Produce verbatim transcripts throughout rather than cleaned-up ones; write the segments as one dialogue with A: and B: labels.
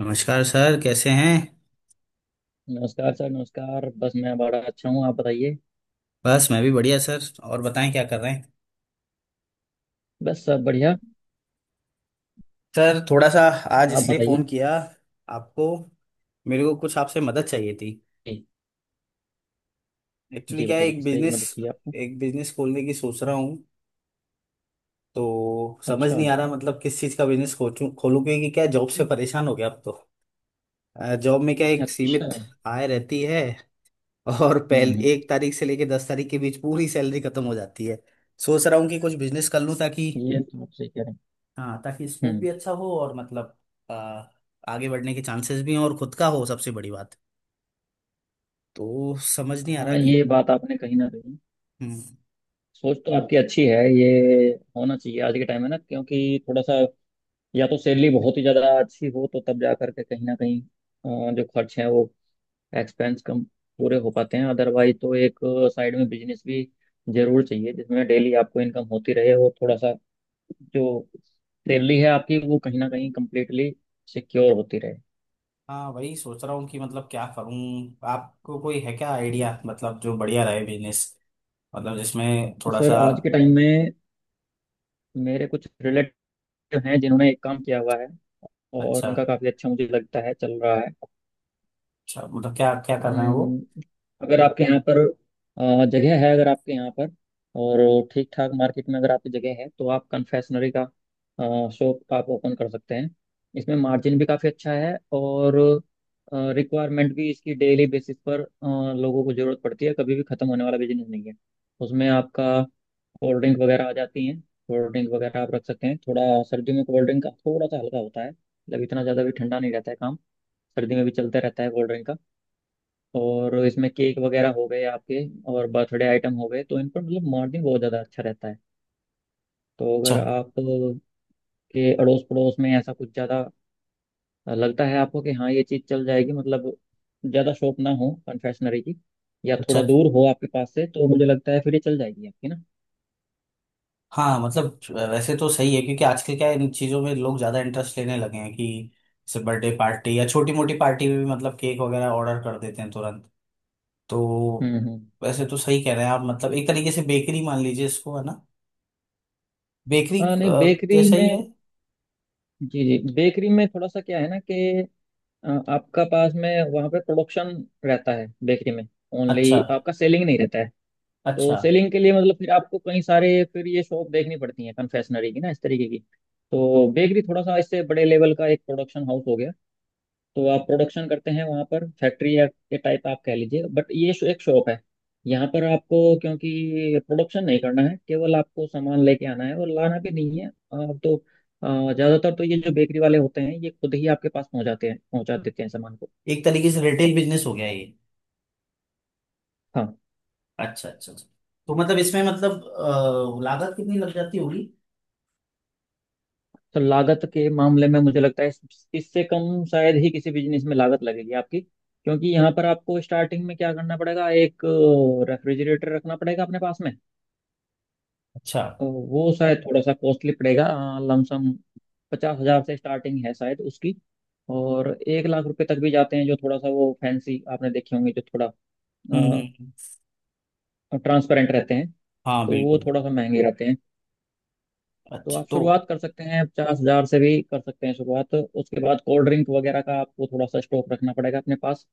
A: नमस्कार सर, कैसे हैं।
B: नमस्कार सर। नमस्कार। बस मैं बड़ा अच्छा हूँ। आप बताइए।
A: बस मैं भी बढ़िया सर। और बताएं क्या कर रहे हैं।
B: बस सब बढ़िया।
A: सर थोड़ा सा, आज
B: आप
A: इसलिए फ़ोन
B: बताइए।
A: किया आपको, मेरे को कुछ आपसे मदद चाहिए थी।
B: जी।
A: एक्चुअली
B: जी
A: क्या है,
B: बताइए,
A: एक
B: किस तरह की
A: बिजनेस
B: मदद चाहिए आपको।
A: एक बिजनेस खोलने की सोच रहा हूँ। तो समझ
B: अच्छा।
A: नहीं आ रहा मतलब किस चीज़ का बिजनेस खोलूँ खोलूँ, क्योंकि क्या जॉब से परेशान हो गया अब तो। अ, जॉब में क्या एक
B: अच्छा।
A: सीमित आय रहती है, और पहले
B: हम्म।
A: एक तारीख से लेके दस तारीख के बीच पूरी सैलरी खत्म हो जाती है। सोच रहा हूँ कि कुछ बिजनेस कर लूँ ताकि,
B: ये तो आप सही कह रहे
A: हाँ, ताकि
B: हैं।
A: स्कोप
B: हम्म।
A: भी अच्छा हो और मतलब आ, आगे बढ़ने के चांसेस भी हों, और खुद का हो सबसे बड़ी बात। तो समझ नहीं आ रहा
B: हाँ,
A: कि,
B: ये बात आपने कहीं ना कहीं।
A: हम्म,
B: सोच तो आपकी अच्छी है। ये होना चाहिए आज के टाइम में ना, क्योंकि थोड़ा सा या तो सैलरी बहुत ही ज़्यादा अच्छी हो तो तब जा करके कहीं ना कहीं अ, जो खर्च है वो एक्सपेंस कम पूरे हो पाते हैं। अदरवाइज तो एक साइड में बिजनेस भी जरूर चाहिए, जिसमें डेली आपको इनकम होती रहे और थोड़ा सा जो सैलरी है आपकी वो कहीं ना कहीं कंप्लीटली सिक्योर होती रहे।
A: हाँ, वही सोच रहा हूँ कि मतलब क्या करूँ। आपको कोई है क्या आइडिया, मतलब जो बढ़िया रहे बिजनेस, मतलब जिसमें थोड़ा
B: सर
A: सा।
B: आज के टाइम में मेरे कुछ रिलेटिव हैं जिन्होंने एक काम किया हुआ है और
A: अच्छा,
B: उनका काफ़ी अच्छा मुझे लगता है चल रहा है।
A: अच्छा, मतलब क्या क्या कर रहे हैं वो।
B: हम्म, अगर आपके यहाँ पर अ, जगह है, अगर आपके यहाँ पर और ठीक ठाक मार्केट में अगर आपकी जगह है तो आप कन्फेक्शनरी का शॉप आप ओपन कर सकते हैं। इसमें मार्जिन भी काफ़ी अच्छा है और रिक्वायरमेंट भी इसकी डेली बेसिस पर अ, लोगों को ज़रूरत पड़ती है। कभी भी ख़त्म होने वाला बिजनेस नहीं है। उसमें आपका कोल्ड ड्रिंक वगैरह आ जाती हैं। कोल्ड ड्रिंक वगैरह आप रख सकते हैं। थोड़ा सर्दियों में कोल्ड ड्रिंक का थोड़ा सा हल्का होता है, मतलब इतना ज़्यादा भी ठंडा नहीं रहता है काम। सर्दी में भी चलता रहता है कोल्ड ड्रिंक का। और इसमें केक वगैरह हो गए आपके, और बर्थडे आइटम हो गए, तो इन पर मतलब मार्जिन बहुत ज़्यादा अच्छा रहता है। तो
A: अच्छा,
B: अगर आप के अड़ोस पड़ोस में ऐसा कुछ ज़्यादा लगता है आपको कि हाँ ये चीज़ चल जाएगी, मतलब ज़्यादा शॉप ना हो कन्फेक्शनरी की या
A: अच्छा,
B: थोड़ा दूर हो आपके पास से, तो मुझे लगता है फिर ये चल जाएगी आपकी ना।
A: हाँ मतलब, वैसे तो सही है क्योंकि आजकल क्या है, इन चीज़ों में लोग ज़्यादा इंटरेस्ट लेने लगे हैं कि जैसे बर्थडे पार्टी या छोटी मोटी पार्टी में भी मतलब केक वगैरह ऑर्डर कर देते हैं तुरंत। तो
B: हम्म हम्म।
A: वैसे तो सही कह रहे हैं आप, मतलब एक तरीके से बेकरी मान लीजिए इसको है ना, बेकरी
B: हाँ नहीं, बेकरी
A: जैसा ही
B: में।
A: है।
B: जी जी, बेकरी में थोड़ा सा क्या है ना कि अ, आपका पास में वहाँ पे प्रोडक्शन रहता है बेकरी में।
A: अच्छा,
B: ओनली आपका सेलिंग नहीं रहता है। तो
A: अच्छा,
B: सेलिंग के लिए मतलब फिर आपको कई सारे, फिर ये शॉप देखनी पड़ती है कन्फेक्शनरी की ना इस तरीके की। तो बेकरी थोड़ा सा इससे बड़े लेवल का एक प्रोडक्शन हाउस हो गया। तो आप प्रोडक्शन करते हैं वहाँ पर, फैक्ट्री या के टाइप आप कह लीजिए, बट ये शो- एक शॉप है। यहाँ पर आपको क्योंकि प्रोडक्शन नहीं करना है, केवल आपको सामान लेके आना है, और लाना भी नहीं है आप तो, अ, ज्यादातर तो ये जो बेकरी वाले होते हैं ये खुद ही आपके पास पहुंचाते हैं, पहुंचा देते हैं सामान को।
A: एक तरीके से रिटेल बिजनेस हो गया ये।
B: हाँ।
A: अच्छा, अच्छा, अच्छा। तो मतलब इसमें मतलब अ, लागत कितनी लग जाती होगी।
B: तो लागत के मामले में मुझे लगता है इस- इससे कम शायद ही किसी बिजनेस में लागत लगेगी आपकी, क्योंकि यहाँ पर आपको स्टार्टिंग में क्या करना पड़ेगा, एक रेफ्रिजरेटर रखना पड़ेगा अपने पास में।
A: अच्छा।
B: तो वो शायद थोड़ा सा कॉस्टली पड़ेगा। लमसम पचास हजार से स्टार्टिंग है शायद उसकी, और एक लाख रुपए तक भी जाते हैं, जो थोड़ा सा वो फैंसी आपने देखे होंगे, जो थोड़ा
A: हम्म, हम्म, हम्म।
B: ट्रांसपेरेंट रहते हैं।
A: हाँ
B: तो वो
A: बिल्कुल।
B: थोड़ा सा महंगे रहते हैं। तो
A: अच्छा
B: आप
A: तो,
B: शुरुआत कर सकते हैं, पचास हजार से भी कर सकते हैं शुरुआत। उसके बाद कोल्ड ड्रिंक वगैरह का आपको थोड़ा सा स्टॉक रखना पड़ेगा अपने पास।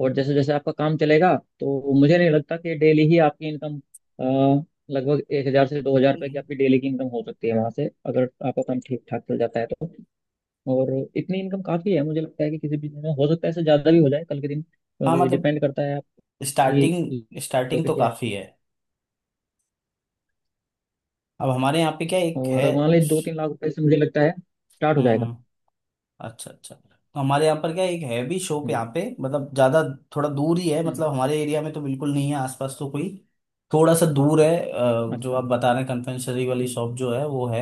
B: और जैसे जैसे आपका काम चलेगा, तो मुझे नहीं लगता कि डेली ही आपकी इनकम अ, लगभग एक हजार से दो हजार रुपये की
A: हम्म,
B: आपकी डेली की इनकम हो सकती है वहां से, अगर आपका काम ठीक ठाक चल जाता है तो। और इतनी इनकम काफी है मुझे लगता है कि किसी भी दिन में। हो सकता है इससे ज्यादा भी हो जाए कल के दिन,
A: हाँ
B: क्योंकि
A: मतलब,
B: डिपेंड करता है आपकी
A: स्टार्टिंग स्टार्टिंग
B: लोकेशन
A: तो
B: क्या है।
A: काफी है। अब हमारे यहाँ पे क्या एक है।
B: और मान लीजिए दो तीन लाख रुपए से मुझे लगता है स्टार्ट हो जाएगा।
A: हम्म। अच्छा, अच्छा, तो हमारे यहाँ पर क्या एक है भी शॉप,
B: जी।
A: यहाँ पे मतलब ज्यादा थोड़ा दूर ही है। मतलब
B: हम्म।
A: हमारे एरिया में तो बिल्कुल नहीं है आसपास तो कोई, थोड़ा सा दूर है अ, जो
B: अच्छा।
A: आप बता रहे हैं कन्फेक्शनरी वाली शॉप जो है वो है।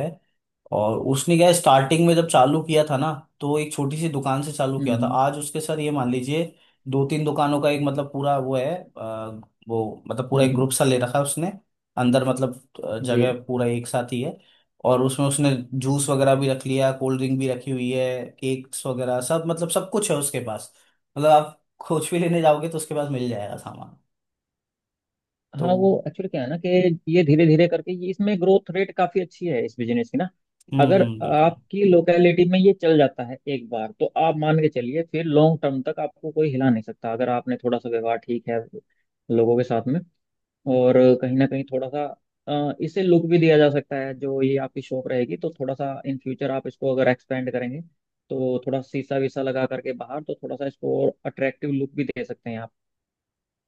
A: और उसने क्या स्टार्टिंग में जब चालू किया था ना, तो एक छोटी सी दुकान से चालू
B: हम्म।
A: किया था,
B: हम्म।
A: आज उसके सर ये मान लीजिए दो तीन दुकानों का एक मतलब पूरा वो है। अ, वो मतलब पूरा
B: हम्म।
A: एक
B: हम्म।
A: ग्रुप सा ले रखा है उसने, अंदर मतलब, अ,
B: जी।
A: जगह पूरा एक साथ ही है। और उसमें उसने जूस वगैरह भी रख लिया, कोल्ड ड्रिंक भी रखी हुई है, केक्स वगैरह सब मतलब सब कुछ है उसके पास। मतलब आप कुछ भी लेने जाओगे तो उसके पास मिल जाएगा सामान, तो।
B: हाँ वो एक्चुअली क्या है ना कि ये धीरे धीरे करके ये इसमें ग्रोथ रेट काफी अच्छी है इस बिजनेस की ना।
A: हम्म,
B: अगर
A: हम्म, बिल्कुल।
B: आपकी लोकेलिटी में ये चल जाता है एक बार, तो आप मान के चलिए फिर लॉन्ग टर्म तक आपको कोई हिला नहीं सकता, अगर आपने थोड़ा सा व्यवहार ठीक है लोगों के साथ में। और कहीं ना कहीं थोड़ा सा अ, इसे लुक भी दिया जा सकता है, जो ये आपकी शॉप रहेगी। तो थोड़ा सा इन फ्यूचर आप इसको अगर एक्सपेंड करेंगे, तो थोड़ा शीशा वीसा लगा करके बाहर तो थोड़ा सा इसको और अट्रैक्टिव लुक भी दे सकते हैं आप।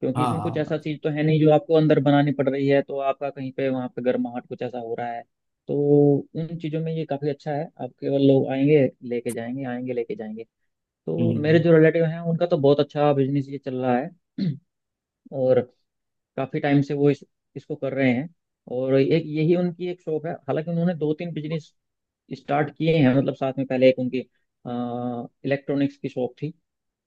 B: क्योंकि
A: हाँ,
B: इसमें कुछ ऐसा
A: हाँ।
B: चीज तो है नहीं जो आपको अंदर बनानी पड़ रही है, तो आपका कहीं पे वहां पे गर्माहट कुछ ऐसा हो रहा है। तो उन चीजों में ये काफी अच्छा है। आप केवल लोग आएंगे लेके जाएंगे, आएंगे लेके जाएंगे।
A: हम्म,
B: तो मेरे
A: हम्म।
B: जो रिलेटिव हैं उनका तो बहुत अच्छा बिजनेस ये चल रहा है। और काफी टाइम से वो इस, इसको कर रहे हैं। और एक यही उनकी एक शॉप है, हालांकि उन्होंने दो तीन बिजनेस स्टार्ट किए हैं, मतलब साथ में। पहले एक उनकी इलेक्ट्रॉनिक्स की शॉप थी,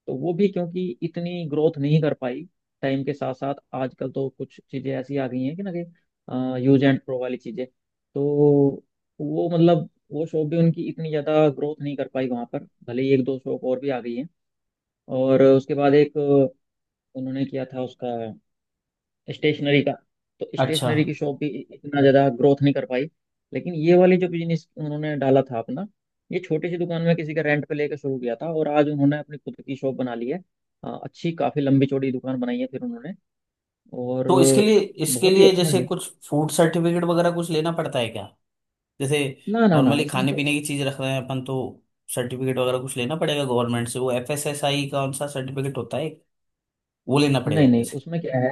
B: तो वो भी क्योंकि इतनी ग्रोथ नहीं कर पाई। टाइम के साथ साथ आजकल तो कुछ चीजें ऐसी आ गई हैं कि ना कि यूज एंड प्रो वाली चीजें। तो वो मतलब वो शॉप भी उनकी इतनी ज्यादा ग्रोथ नहीं कर पाई वहां पर, भले ही एक दो शॉप और भी आ गई हैं। और उसके बाद एक उन्होंने किया था उसका स्टेशनरी का। तो
A: अच्छा,
B: स्टेशनरी की शॉप भी इतना ज्यादा ग्रोथ नहीं कर पाई। लेकिन ये वाली जो बिजनेस उन्होंने डाला था अपना, ये छोटी सी दुकान में किसी का रेंट पे लेकर शुरू किया था, और आज उन्होंने अपनी खुद की शॉप बना ली है। अ, अच्छी काफी लंबी चौड़ी दुकान बनाई है फिर उन्होंने, और
A: तो इसके लिए इसके
B: बहुत ही
A: लिए
B: अच्छा
A: जैसे
B: है।
A: कुछ फूड सर्टिफिकेट वगैरह कुछ लेना पड़ता है क्या। जैसे
B: ना ना ना,
A: नॉर्मली
B: इसमें
A: खाने
B: तो
A: पीने की चीज रख रहे हैं अपन तो सर्टिफिकेट वगैरह कुछ लेना पड़ेगा गवर्नमेंट से। वो एफ एस एस ए आई कौन सा सर्टिफिकेट होता है, वो लेना पड़ेगा
B: नहीं, नहीं
A: वैसे।
B: उसमें क्या है,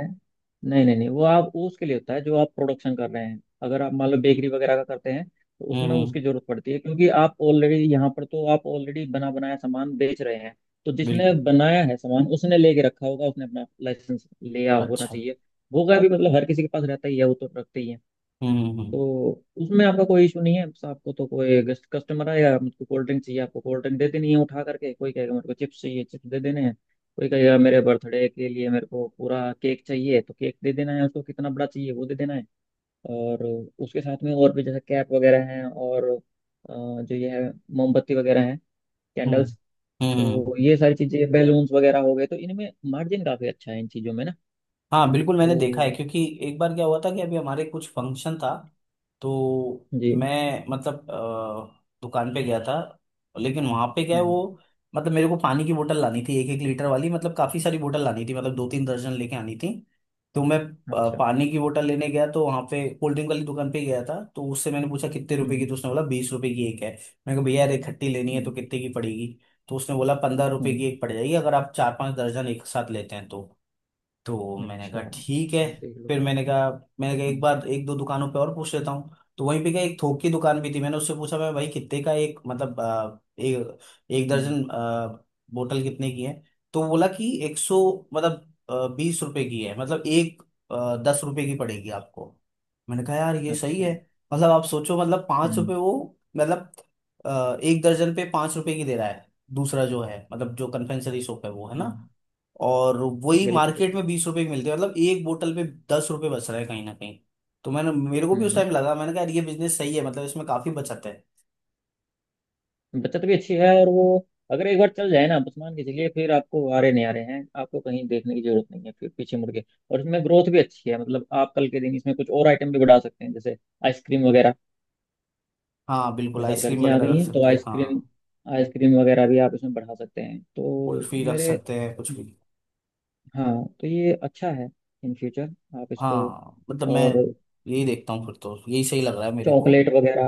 B: नहीं नहीं नहीं। वो आप वो उसके लिए होता है जो आप प्रोडक्शन कर रहे हैं। अगर आप मान लो बेकरी वगैरह का करते हैं तो
A: हम्म,
B: उसमें
A: हम्म,
B: उसकी जरूरत पड़ती है, क्योंकि आप ऑलरेडी यहाँ पर, तो आप ऑलरेडी बना बनाया सामान बेच रहे हैं। तो जिसने
A: बिल्कुल।
B: बनाया है सामान उसने लेके रखा होगा, उसने अपना लाइसेंस लिया होना
A: अच्छा।
B: चाहिए। होगा भी, मतलब हर किसी के पास रहता ही है वो, तो रखते ही है।
A: हम्म, हम्म,
B: तो उसमें आपका कोई इशू नहीं है। बस आपको तो, कोई गेस्ट कस्टमर आएगा, मुझको कोल्ड ड्रिंक चाहिए, आपको कोल्ड ड्रिंक दे देनी है उठा करके। कोई कहेगा मेरे को चिप्स चाहिए, चिप्स दे देने हैं। कोई कहेगा मेरे बर्थडे के लिए मेरे को पूरा केक चाहिए, तो केक दे देना है उसको, कितना बड़ा चाहिए वो दे देना है। और उसके साथ में और भी, जैसे कैप वगैरह हैं, और अ, जो ये है मोमबत्ती वगैरह है,
A: हम्म,
B: कैंडल्स।
A: हम्म, हम्म,
B: तो ये सारी चीज़ें, बैलून्स वगैरह हो गए, तो इनमें मार्जिन काफ़ी अच्छा है इन चीज़ों में ना।
A: हाँ बिल्कुल,
B: तो
A: मैंने देखा है, क्योंकि एक बार क्या हुआ था कि अभी हमारे कुछ फंक्शन था। तो
B: जी।
A: मैं मतलब अ, दुकान पे गया था, लेकिन वहां पे क्या है
B: हम्म।
A: वो, मतलब मेरे को पानी की बोतल लानी थी, एक एक लीटर वाली, मतलब काफी सारी बोतल लानी थी, मतलब दो तीन दर्जन लेके आनी थी। तो मैं अ,
B: अच्छा।
A: पानी की बोतल लेने गया तो वहां पे कोल्ड ड्रिंक वाली दुकान पे गया था। तो उससे मैंने पूछा कितने रुपए की,
B: हम्म।
A: तो उसने बोला बीस रुपए की एक है। मैंने कहा भैया यार एक खट्टी लेनी है तो
B: हम्म।
A: कितने की पड़ेगी। तो उसने बोला पंद्रह रुपए
B: हम्म।
A: की एक पड़ जाएगी अगर आप चार पांच दर्जन एक साथ लेते हैं तो। तो मैंने
B: अच्छा।
A: कहा ठीक है।
B: देख
A: फिर
B: लो।
A: मैंने कहा, मैंने कहा एक
B: हम्म।
A: बार एक दो दुकानों पे और पूछ लेता हूँ। तो वहीं पे क्या एक थोक की दुकान भी थी, मैंने उससे पूछा, मैं भाई कितने का एक मतलब अ, एक एक
B: हम्म।
A: दर्जन अ, बोतल कितने की है। तो वो बोला कि एक सौ मतलब अ, बीस रुपए की है, मतलब एक अ, दस रुपए की पड़ेगी आपको। मैंने कहा यार ये सही
B: अच्छा।
A: है, मतलब आप सोचो, मतलब पाँच
B: हम्म।
A: रुपए वो, मतलब अ, एक दर्जन पे पाँच रुपए की दे रहा है। दूसरा जो है मतलब जो कन्फेक्शनरी शॉप है वो है ना,
B: हम्म।
A: और वही
B: बिल्कुल
A: मार्केट
B: बिल्कुल।
A: में बीस रुपए की मिलती है, मतलब एक बोतल पे दस रुपए बच रहा है कहीं ना कहीं। तो मैंने, मेरे को भी
B: हम्म
A: उस
B: हम्म।
A: टाइम लगा, मैंने कहा यार ये बिजनेस सही है, मतलब इसमें काफी बचत है।
B: बचत भी अच्छी है, और वो अगर एक बार चल जाए ना, आप बस मान के चलिए, फिर आपको आ रहे नहीं आ रहे हैं, आपको कहीं देखने की जरूरत नहीं है फिर पीछे मुड़ के। और इसमें ग्रोथ भी अच्छी है, मतलब आप कल के दिन इसमें कुछ और आइटम भी बढ़ा सकते हैं, जैसे आइसक्रीम वगैरह।
A: हाँ बिल्कुल,
B: जैसे आप,
A: आइसक्रीम
B: गर्मियाँ आ
A: वगैरह
B: गई
A: रख
B: हैं, तो
A: सकते हैं
B: आइसक्रीम,
A: हाँ,
B: आइसक्रीम वगैरह भी आप इसमें बढ़ा सकते हैं तो
A: कुल्फी रख
B: मेरे।
A: सकते हैं, कुछ भी।
B: हाँ, तो ये अच्छा है इन फ्यूचर आप इसको।
A: हाँ मतलब, मैं
B: और
A: यही देखता हूँ फिर, तो यही सही लग रहा है मेरे को।
B: चॉकलेट वगैरह।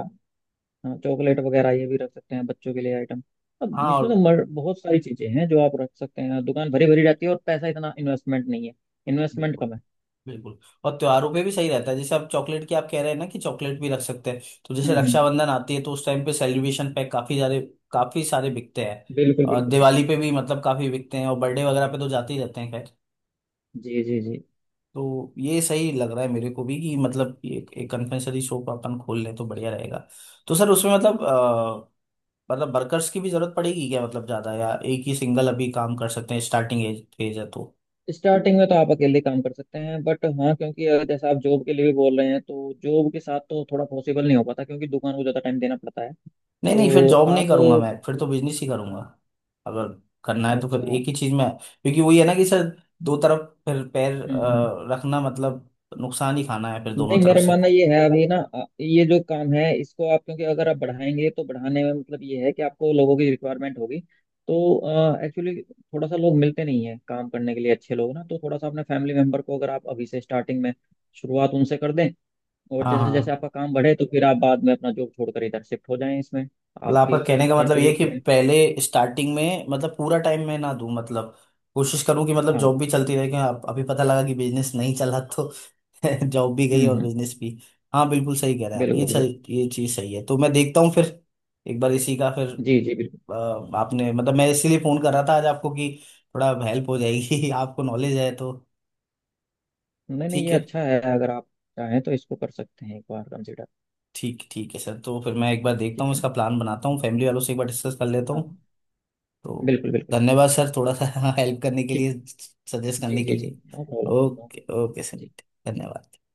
B: हाँ चॉकलेट वगैरह ये भी रख सकते हैं, बच्चों के लिए आइटम। अब
A: हाँ
B: इसमें
A: और,
B: तो मर, बहुत सारी चीजें हैं जो आप रख सकते हैं, दुकान भरी भरी रहती है और पैसा इतना इन्वेस्टमेंट नहीं है, इन्वेस्टमेंट
A: बिल्कुल,
B: कम है।
A: बिल्कुल, और त्योहारों पे भी सही रहता है, जैसे आप चॉकलेट की आप कह रहे हैं ना कि चॉकलेट भी रख सकते हैं। तो जैसे
B: हम्म हम्म।
A: रक्षाबंधन आती है तो उस टाइम पे सेलिब्रेशन पैक काफी सारे, काफी सारे बिकते हैं।
B: बिल्कुल
A: और
B: बिल्कुल बिल्कुल।
A: दिवाली पे भी मतलब काफी बिकते हैं, और बर्थडे वगैरह पे तो जाते ही रहते हैं, खैर।
B: जी जी जी।
A: तो ये सही लग रहा है मेरे को भी कि मतलब ये एक कन्फेक्शनरी शॉप अपन खोल लें तो बढ़िया रहेगा। तो सर उसमें मतलब अ, मतलब वर्कर्स की भी जरूरत पड़ेगी क्या, मतलब ज्यादा, या एक ही सिंगल अभी काम कर सकते हैं, स्टार्टिंग एज फेज है तो।
B: स्टार्टिंग में तो आप अकेले काम कर सकते हैं, बट हाँ, क्योंकि अगर जैसा आप जॉब के लिए भी बोल रहे हैं तो जॉब के साथ तो थोड़ा पॉसिबल नहीं हो पाता, क्योंकि दुकान को ज्यादा टाइम देना पड़ता है।
A: नहीं नहीं फिर
B: तो
A: जॉब नहीं
B: आप।
A: करूंगा मैं, फिर तो बिजनेस ही करूंगा अगर करना है, तो फिर
B: अच्छा। हम्म।
A: एक ही चीज में, क्योंकि वही है ना कि सर, दो तरफ फिर पैर
B: हम्म।
A: अ, रखना मतलब नुकसान ही खाना है फिर दोनों
B: नहीं,
A: तरफ
B: मेरा
A: से।
B: मानना ये है अभी ना, अ, ये जो काम है इसको आप, क्योंकि अगर आप बढ़ाएंगे तो बढ़ाने में मतलब ये है कि आपको लोगों की रिक्वायरमेंट होगी। तो एक्चुअली थोड़ा सा लोग मिलते नहीं है काम करने के लिए, अच्छे लोग ना, तो थोड़ा सा अपने फैमिली मेंबर को अगर आप अभी से स्टार्टिंग में शुरुआत उनसे कर दें, और
A: हाँ,
B: जैसे जैसे
A: हाँ,
B: आपका काम बढ़े तो फिर आप बाद में अपना जॉब छोड़कर इधर शिफ्ट हो जाएं इसमें।
A: मतलब
B: आप
A: आपका
B: भी
A: कहने का मतलब ये है
B: कंट्रीब्यूट
A: कि
B: करें।
A: पहले स्टार्टिंग में मतलब पूरा टाइम मैं ना दूं, मतलब कोशिश करूं कि मतलब
B: हाँ।
A: जॉब भी चलती रहे कि आप अभी पता लगा कि बिजनेस नहीं चला तो जॉब भी गई
B: हम्म
A: और
B: हम्म।
A: बिजनेस भी। हाँ बिल्कुल सही कह रहे हैं आप, ये
B: बिल्कुल बिल्कुल।
A: सही, ये चीज़ सही है। तो मैं देखता हूँ फिर, एक बार इसी का फिर,
B: जी जी बिल्कुल।
A: अ, आपने मतलब, मैं इसीलिए फोन कर रहा था आज आपको कि थोड़ा हेल्प हो जाएगी, आपको नॉलेज है तो।
B: नहीं नहीं
A: ठीक
B: ये
A: है।
B: अच्छा है, अगर आप चाहें तो इसको कर सकते हैं एक बार कंसिडर।
A: ठीक, ठीक है सर, तो फिर मैं एक बार देखता हूँ,
B: ठीक है
A: इसका
B: ना।
A: प्लान बनाता हूँ, फैमिली वालों से एक बार डिस्कस कर लेता
B: हाँ।
A: हूँ तो।
B: बिल्कुल बिल्कुल बिल्कुल।
A: धन्यवाद सर, थोड़ा सा हेल्प करने के
B: ठीक
A: लिए,
B: है।
A: सजेस्ट
B: जी
A: करने के
B: जी जी।
A: लिए।
B: No problem.
A: Okay okay sir,
B: ji.
A: धन्यवाद।